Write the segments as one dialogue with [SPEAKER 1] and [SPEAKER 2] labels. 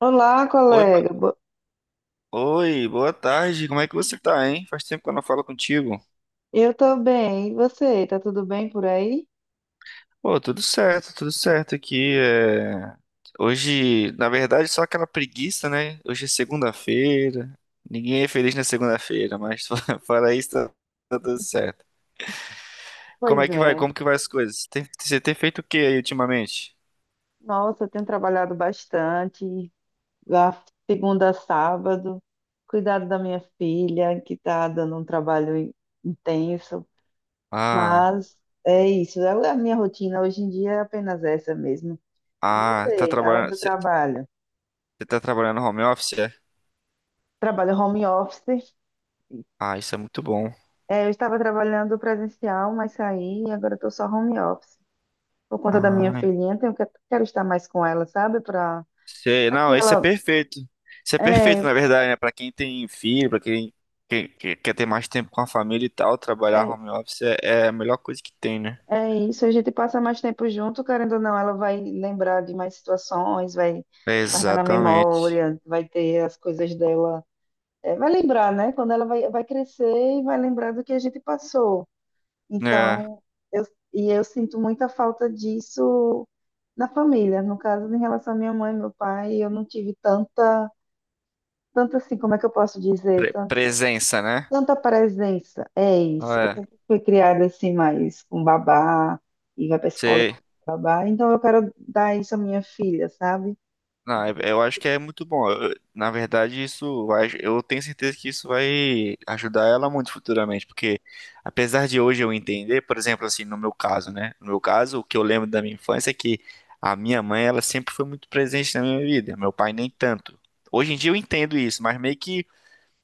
[SPEAKER 1] Olá,
[SPEAKER 2] Oi, Ma-
[SPEAKER 1] colega.
[SPEAKER 2] oi, boa tarde. Como é que você tá, hein? Faz tempo que eu não falo contigo.
[SPEAKER 1] Eu tô bem. E você? Tá tudo bem por aí?
[SPEAKER 2] Pô, tudo certo aqui. É. Hoje, na verdade, só aquela preguiça, né? Hoje é segunda-feira. Ninguém é feliz na segunda-feira, mas fora isso, tá tudo certo. Como
[SPEAKER 1] Pois
[SPEAKER 2] é que vai?
[SPEAKER 1] é.
[SPEAKER 2] Como que vai as coisas? Você tem feito o que aí ultimamente?
[SPEAKER 1] Nossa, eu tenho trabalhado bastante, da segunda a sábado, cuidado da minha filha, que tá dando um trabalho intenso.
[SPEAKER 2] Ah,
[SPEAKER 1] Mas é isso. A minha rotina hoje em dia é apenas essa mesmo. E
[SPEAKER 2] ah, tá
[SPEAKER 1] você, além
[SPEAKER 2] trabalhando.
[SPEAKER 1] do
[SPEAKER 2] Você
[SPEAKER 1] trabalho?
[SPEAKER 2] você tá trabalhando home office, é?
[SPEAKER 1] Trabalho home office.
[SPEAKER 2] Ah, isso é muito bom.
[SPEAKER 1] É, eu estava trabalhando presencial, mas saí e agora estou só home office, por conta da minha
[SPEAKER 2] Ah,
[SPEAKER 1] filhinha, tenho que, quero estar mais com ela, sabe? Para
[SPEAKER 2] sei,
[SPEAKER 1] que
[SPEAKER 2] não, isso é
[SPEAKER 1] ela.
[SPEAKER 2] perfeito. Isso é perfeito,
[SPEAKER 1] É,
[SPEAKER 2] na verdade, né? Pra quem tem filho, pra quem, quem- que- quer ter mais tempo com a família e tal, trabalhar
[SPEAKER 1] é,
[SPEAKER 2] home office é a melhor coisa que tem, né?
[SPEAKER 1] é isso, a gente passa mais tempo junto, querendo ou não, ela vai lembrar de mais situações, vai guardar na
[SPEAKER 2] Exatamente.
[SPEAKER 1] memória, vai ter as coisas dela. É, vai lembrar, né? Quando ela vai, vai crescer e vai lembrar do que a gente passou.
[SPEAKER 2] É,
[SPEAKER 1] Então, eu, e eu sinto muita falta disso na família. No caso, em relação à minha mãe e meu pai, eu não tive tanta assim, como é que eu posso dizer?
[SPEAKER 2] presença, né?
[SPEAKER 1] Tanta presença, é isso. Eu
[SPEAKER 2] Ah, é,
[SPEAKER 1] sempre fui criada assim, mais com babá, e vai pra escola e
[SPEAKER 2] sei.
[SPEAKER 1] com babá. Então eu quero dar isso à minha filha, sabe?
[SPEAKER 2] Não, eu acho que é muito bom. Na verdade, eu tenho certeza que isso vai ajudar ela muito futuramente, porque apesar de hoje eu entender, por exemplo, assim, no meu caso, né? No meu caso, o que eu lembro da minha infância é que a minha mãe, ela sempre foi muito presente na minha vida, meu pai nem tanto. Hoje em dia eu entendo isso, mas meio que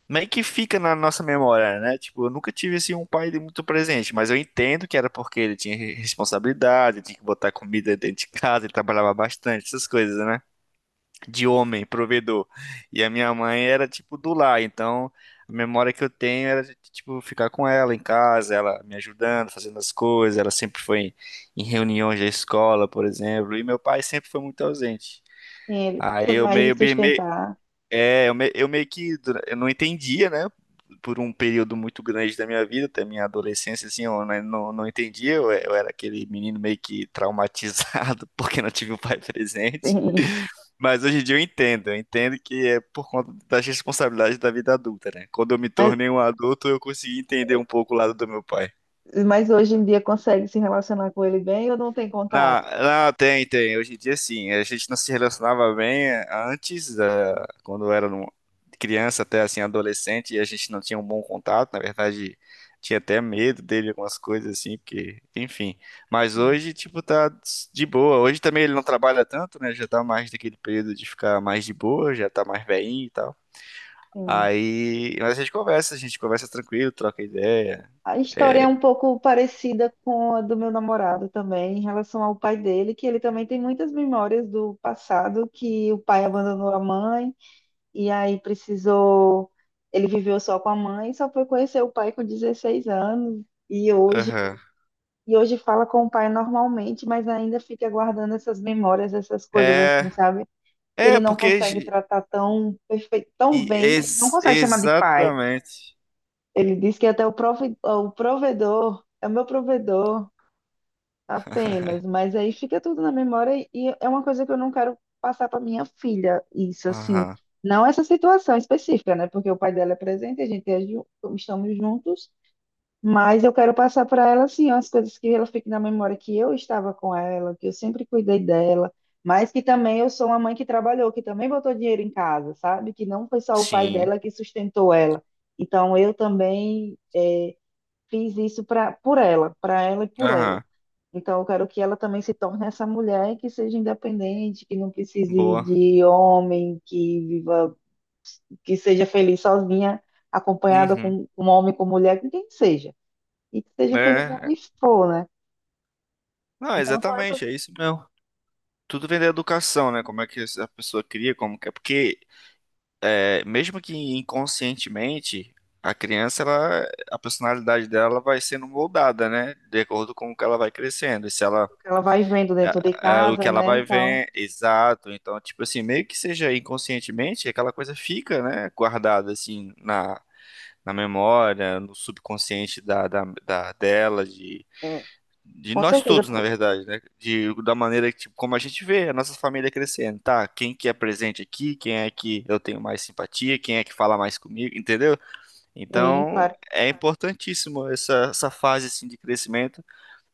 [SPEAKER 2] meio que fica na nossa memória, né? Tipo, eu nunca tive assim um pai de muito presente, mas eu entendo que era porque ele tinha responsabilidade, tinha que botar comida dentro de casa, ele trabalhava bastante, essas coisas, né? De homem, provedor. E a minha mãe era tipo do lar, então a memória que eu tenho era de, tipo ficar com ela em casa, ela me ajudando, fazendo as coisas, ela sempre foi em, em reuniões da escola, por exemplo, e meu pai sempre foi muito ausente.
[SPEAKER 1] Ele
[SPEAKER 2] Aí
[SPEAKER 1] foi
[SPEAKER 2] eu
[SPEAKER 1] mais em
[SPEAKER 2] meio, meio,
[SPEAKER 1] sustentar.
[SPEAKER 2] é, eu, me- eu eu não entendia, né? Por um período muito grande da minha vida, até minha adolescência, assim, eu né, não entendia. Eu era aquele menino meio que traumatizado porque não tive o pai presente.
[SPEAKER 1] Sim.
[SPEAKER 2] Mas hoje em dia eu entendo que é por conta das responsabilidades da vida adulta, né? Quando eu me
[SPEAKER 1] Mas,
[SPEAKER 2] tornei um adulto, eu consegui entender um pouco o lado do meu pai.
[SPEAKER 1] mas hoje em dia consegue se relacionar com ele bem ou não tem
[SPEAKER 2] Não,
[SPEAKER 1] contato?
[SPEAKER 2] não, tem, tem. Hoje em dia, sim. A gente não se relacionava bem antes, quando eu era criança até assim, adolescente, e a gente não tinha um bom contato. Na verdade, tinha até medo dele, algumas coisas assim, porque, enfim. Mas hoje, tipo, tá de boa. Hoje também ele não trabalha tanto, né? Já tá mais daquele período de ficar mais de boa, já tá mais velhinho e tal.
[SPEAKER 1] Sim.
[SPEAKER 2] Aí, mas a gente conversa tranquilo, troca ideia.
[SPEAKER 1] A história é
[SPEAKER 2] É,
[SPEAKER 1] um pouco parecida com a do meu namorado também, em relação ao pai dele, que ele também tem muitas memórias do passado, que o pai abandonou a mãe e ele viveu só com a mãe, só foi conhecer o pai com 16 anos e
[SPEAKER 2] aham.
[SPEAKER 1] hoje fala com o pai normalmente, mas ainda fica guardando essas memórias, essas coisas
[SPEAKER 2] É,
[SPEAKER 1] assim, sabe? Que ele
[SPEAKER 2] é,
[SPEAKER 1] não
[SPEAKER 2] porque.
[SPEAKER 1] consegue tratar tão perfeito, tão
[SPEAKER 2] E
[SPEAKER 1] bem, ele não
[SPEAKER 2] ex-
[SPEAKER 1] consegue chamar de pai.
[SPEAKER 2] exatamente.
[SPEAKER 1] Ele diz que até o provedor é o meu provedor. Apenas, mas aí fica tudo na memória e é uma coisa que eu não quero passar para minha filha, isso assim,
[SPEAKER 2] Aham.
[SPEAKER 1] não essa situação específica, né? Porque o pai dela é presente, a gente é ju- estamos juntos, mas eu quero passar para ela assim, as coisas que ela fique na memória que eu estava com ela, que eu sempre cuidei dela, mas que também eu sou uma mãe que trabalhou, que também botou dinheiro em casa, sabe? Que não foi só o pai
[SPEAKER 2] Sim.
[SPEAKER 1] dela que sustentou ela. Então eu também fiz isso para por ela, para ela e por ela.
[SPEAKER 2] Aham.
[SPEAKER 1] Então, eu quero que ela também se torne essa mulher que seja independente, que não precise
[SPEAKER 2] Boa.
[SPEAKER 1] de homem, que viva, que seja feliz sozinha, acompanhada
[SPEAKER 2] Uhum.
[SPEAKER 1] com um homem, com mulher, com quem seja. E que seja feliz
[SPEAKER 2] É. É.
[SPEAKER 1] onde for, né?
[SPEAKER 2] Não,
[SPEAKER 1] Então, são essas
[SPEAKER 2] exatamente,
[SPEAKER 1] coisas
[SPEAKER 2] é isso mesmo. Tudo vem da educação, né? Como é que a pessoa cria, como que é. Porque, é, mesmo que inconscientemente, a criança, ela, a personalidade dela vai sendo moldada, né? De acordo com o que ela vai crescendo. E se ela.
[SPEAKER 1] que ela vai vendo dentro de
[SPEAKER 2] O
[SPEAKER 1] casa,
[SPEAKER 2] que ela
[SPEAKER 1] né, e
[SPEAKER 2] vai
[SPEAKER 1] tal.
[SPEAKER 2] ver, exato. Então, tipo assim, meio que seja inconscientemente, aquela coisa fica, né? Guardada, assim, na, memória, no subconsciente dela, de,
[SPEAKER 1] É,
[SPEAKER 2] de
[SPEAKER 1] com
[SPEAKER 2] nós
[SPEAKER 1] certeza,
[SPEAKER 2] todos, na
[SPEAKER 1] pô.
[SPEAKER 2] verdade, né? Da maneira que, tipo, como a gente vê a nossa família crescendo, tá? Quem que é presente aqui, quem é que eu tenho mais simpatia, quem é que fala mais comigo, entendeu?
[SPEAKER 1] Sim,
[SPEAKER 2] Então,
[SPEAKER 1] claro.
[SPEAKER 2] é importantíssimo essa fase, assim, de crescimento,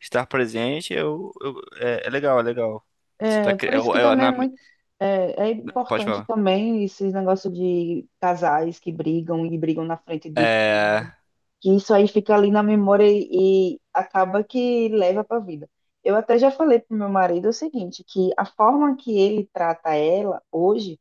[SPEAKER 2] estar presente, é legal, é legal. Você tá,
[SPEAKER 1] É, por isso
[SPEAKER 2] eu,
[SPEAKER 1] que também é
[SPEAKER 2] na,
[SPEAKER 1] é, é
[SPEAKER 2] pode
[SPEAKER 1] importante
[SPEAKER 2] falar.
[SPEAKER 1] também esse negócio de casais que brigam e brigam na frente de filhos,
[SPEAKER 2] É,
[SPEAKER 1] que isso aí fica ali na memória e acaba que leva para a vida. Eu até já falei pro meu marido o seguinte, que a forma que ele trata ela hoje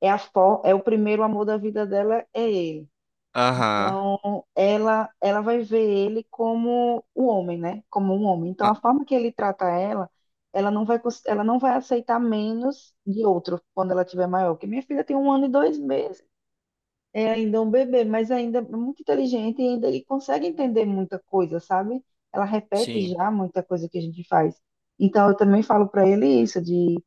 [SPEAKER 1] é o primeiro amor da vida dela é ele.
[SPEAKER 2] aham,
[SPEAKER 1] Então, ela vai ver ele como o homem, né? Como um homem. Então, a
[SPEAKER 2] ah,
[SPEAKER 1] forma que ele trata ela, ela não vai aceitar menos de outro quando ela tiver maior. Porque minha filha tem um ano e dois meses. É ainda um bebê, mas ainda é muito inteligente e ainda ele consegue entender muita coisa, sabe? Ela repete
[SPEAKER 2] sim,
[SPEAKER 1] já muita coisa que a gente faz. Então eu também falo para ele isso de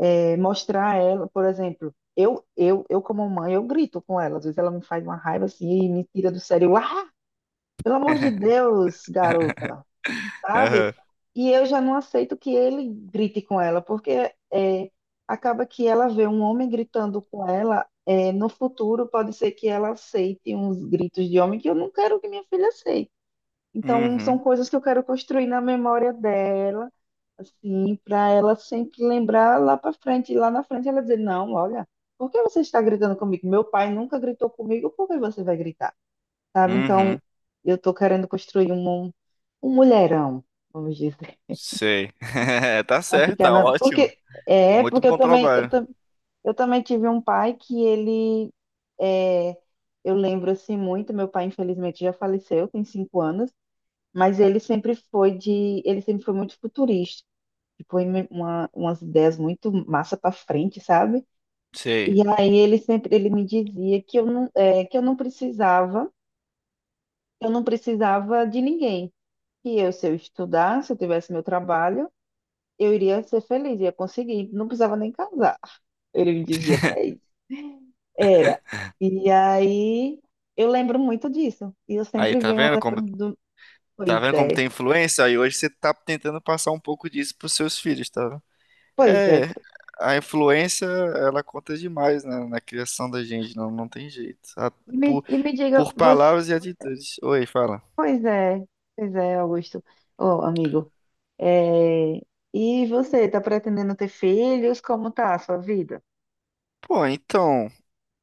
[SPEAKER 1] mostrar a ela, por exemplo, eu como mãe, eu grito com ela, às vezes ela me faz uma raiva assim e me tira do sério. Eu, Ah, pelo amor de Deus, garota, sabe?
[SPEAKER 2] aham,
[SPEAKER 1] E eu já não aceito que ele grite com ela, porque é, acaba que ela vê um homem gritando com ela. É, no futuro, pode ser que ela aceite uns gritos de homem que eu não quero que minha filha aceite. Então, são
[SPEAKER 2] uhum,
[SPEAKER 1] coisas que eu quero construir na memória dela, assim, para ela sempre lembrar lá para frente. E lá na frente ela dizer: Não, olha, por que você está gritando comigo? Meu pai nunca gritou comigo, por que você vai gritar? Sabe? Então,
[SPEAKER 2] uhum.
[SPEAKER 1] eu estou querendo construir um mulherão. Vamos dizer.
[SPEAKER 2] Sei. Tá
[SPEAKER 1] Não
[SPEAKER 2] certo,
[SPEAKER 1] fica
[SPEAKER 2] tá
[SPEAKER 1] na...
[SPEAKER 2] ótimo.
[SPEAKER 1] Porque
[SPEAKER 2] Muito
[SPEAKER 1] porque
[SPEAKER 2] bom trabalho.
[SPEAKER 1] eu também tive um pai que ele é, eu lembro assim muito, meu pai infelizmente já faleceu, tem cinco anos, mas ele sempre foi muito futurista, tipo em umas ideias muito massa para frente, sabe?
[SPEAKER 2] Sei.
[SPEAKER 1] E aí ele me dizia que eu não é, que eu não precisava de ninguém, que eu se eu estudasse, se eu tivesse meu trabalho, eu iria ser feliz, ia conseguir, não precisava nem casar. Ele me dizia até isso. Era. E aí eu lembro muito disso. E eu
[SPEAKER 2] Aí,
[SPEAKER 1] sempre
[SPEAKER 2] tá
[SPEAKER 1] venho
[SPEAKER 2] vendo como
[SPEAKER 1] lembrando do.
[SPEAKER 2] tá
[SPEAKER 1] Pois
[SPEAKER 2] vendo como
[SPEAKER 1] é,
[SPEAKER 2] tem influência? Aí hoje você tá tentando passar um pouco disso pros seus filhos, tá vendo?
[SPEAKER 1] pois é.
[SPEAKER 2] É, a influência, ela conta demais na, criação da gente, não, não tem jeito. Por,
[SPEAKER 1] E me diga,
[SPEAKER 2] por
[SPEAKER 1] você.
[SPEAKER 2] palavras e atitudes. Oi, fala.
[SPEAKER 1] Pois é, pois é, Augusto. Ô, amigo. É, e você, tá pretendendo ter filhos? Como tá a sua vida?
[SPEAKER 2] Pô, então,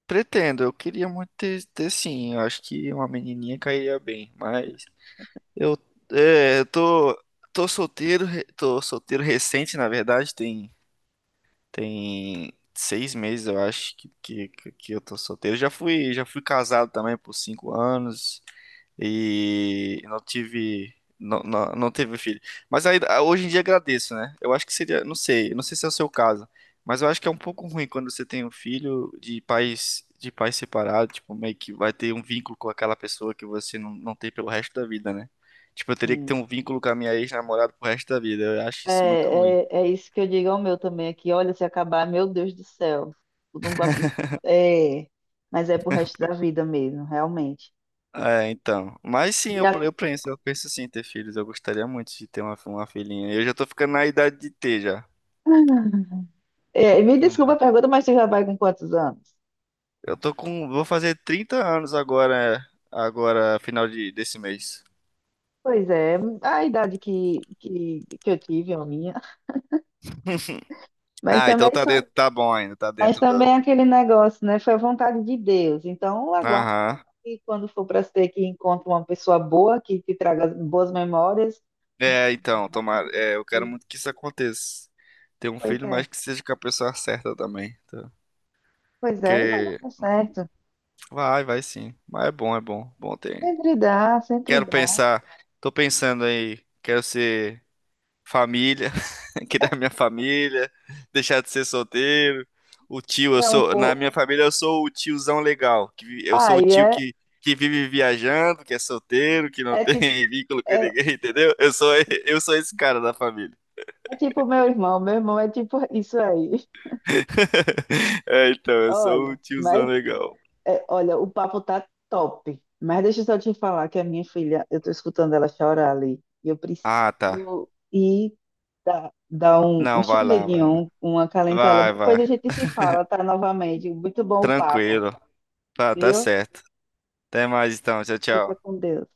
[SPEAKER 2] pretendo, eu queria muito ter, sim, eu acho que uma menininha cairia bem, mas Eu, eu tô solteiro, tô solteiro recente, na verdade, tem, tem 6 meses, eu acho, que eu tô solteiro. Já fui casado também por 5 anos, e não tive não, não, não teve filho. Mas aí, ah, hoje em dia agradeço, né? Eu acho que seria, não sei se é o seu caso, mas eu acho que é um pouco ruim quando você tem um filho de pais separados, tipo, meio que vai ter um vínculo com aquela pessoa que você não, não tem pelo resto da vida, né? Tipo, eu teria que ter
[SPEAKER 1] Hum.
[SPEAKER 2] um vínculo com a minha ex-namorada pro resto da vida. Eu acho
[SPEAKER 1] É,
[SPEAKER 2] isso muito ruim.
[SPEAKER 1] é, é isso que eu digo ao meu também aqui. Olha, se acabar, meu Deus do céu. Eu não vou- É, mas é pro resto da vida mesmo, realmente.
[SPEAKER 2] É, então. Mas sim, eu,
[SPEAKER 1] E
[SPEAKER 2] eu penso, eu penso sim em ter filhos. Eu gostaria muito de ter uma filhinha. Eu já tô ficando na idade de ter já.
[SPEAKER 1] a- É, me desculpa a pergunta, mas você já vai com quantos anos?
[SPEAKER 2] Eu tô com. Vou fazer 30 anos agora, final desse mês.
[SPEAKER 1] Pois é, a idade que eu tive, a minha. Mas
[SPEAKER 2] Ah, então
[SPEAKER 1] também,
[SPEAKER 2] tá
[SPEAKER 1] foi-
[SPEAKER 2] dentro, tá bom ainda, tá
[SPEAKER 1] mas
[SPEAKER 2] dentro
[SPEAKER 1] também é
[SPEAKER 2] do.
[SPEAKER 1] aquele negócio, né? Foi a vontade de Deus. Então, eu aguardo
[SPEAKER 2] Aham.
[SPEAKER 1] que quando for para ser que encontre uma pessoa boa, que te traga boas memórias.
[SPEAKER 2] É, então, tomara. É, eu quero muito que isso aconteça. Ter um
[SPEAKER 1] Pois
[SPEAKER 2] filho, mas
[SPEAKER 1] é,
[SPEAKER 2] que seja com a pessoa certa também. Tá?
[SPEAKER 1] pois é, mas
[SPEAKER 2] Porque
[SPEAKER 1] dá certo.
[SPEAKER 2] vai sim. Mas é bom, é bom. Bom ter.
[SPEAKER 1] Sempre dá, sempre
[SPEAKER 2] Quero
[SPEAKER 1] dá.
[SPEAKER 2] pensar. Tô pensando aí. Quero ser família aqui da minha família, deixar de ser solteiro. O tio, eu
[SPEAKER 1] Para um
[SPEAKER 2] sou, na
[SPEAKER 1] pouco.
[SPEAKER 2] minha família eu sou o tiozão legal, que eu sou o
[SPEAKER 1] Aí
[SPEAKER 2] tio
[SPEAKER 1] é,
[SPEAKER 2] que vive viajando, que é solteiro, que não
[SPEAKER 1] é
[SPEAKER 2] tem
[SPEAKER 1] tipo,
[SPEAKER 2] vínculo com
[SPEAKER 1] é,
[SPEAKER 2] ninguém, entendeu? Eu sou esse cara da família.
[SPEAKER 1] é tipo meu irmão é tipo isso aí.
[SPEAKER 2] É, então, eu sou o
[SPEAKER 1] Olha,
[SPEAKER 2] tiozão
[SPEAKER 1] mas
[SPEAKER 2] legal.
[SPEAKER 1] É, olha, o papo tá top, mas deixa eu só te falar que a minha filha, eu tô escutando ela chorar ali, e eu
[SPEAKER 2] Ah, tá.
[SPEAKER 1] preciso ir dar um
[SPEAKER 2] Não, vai lá, vai lá.
[SPEAKER 1] chameguinho, um acalentar ela.
[SPEAKER 2] Vai,
[SPEAKER 1] Depois a
[SPEAKER 2] vai.
[SPEAKER 1] gente se fala, tá? Novamente. Muito bom o papo,
[SPEAKER 2] Tranquilo. Tá
[SPEAKER 1] viu?
[SPEAKER 2] certo. Até mais então. Tchau,
[SPEAKER 1] Fica
[SPEAKER 2] tchau.
[SPEAKER 1] com Deus.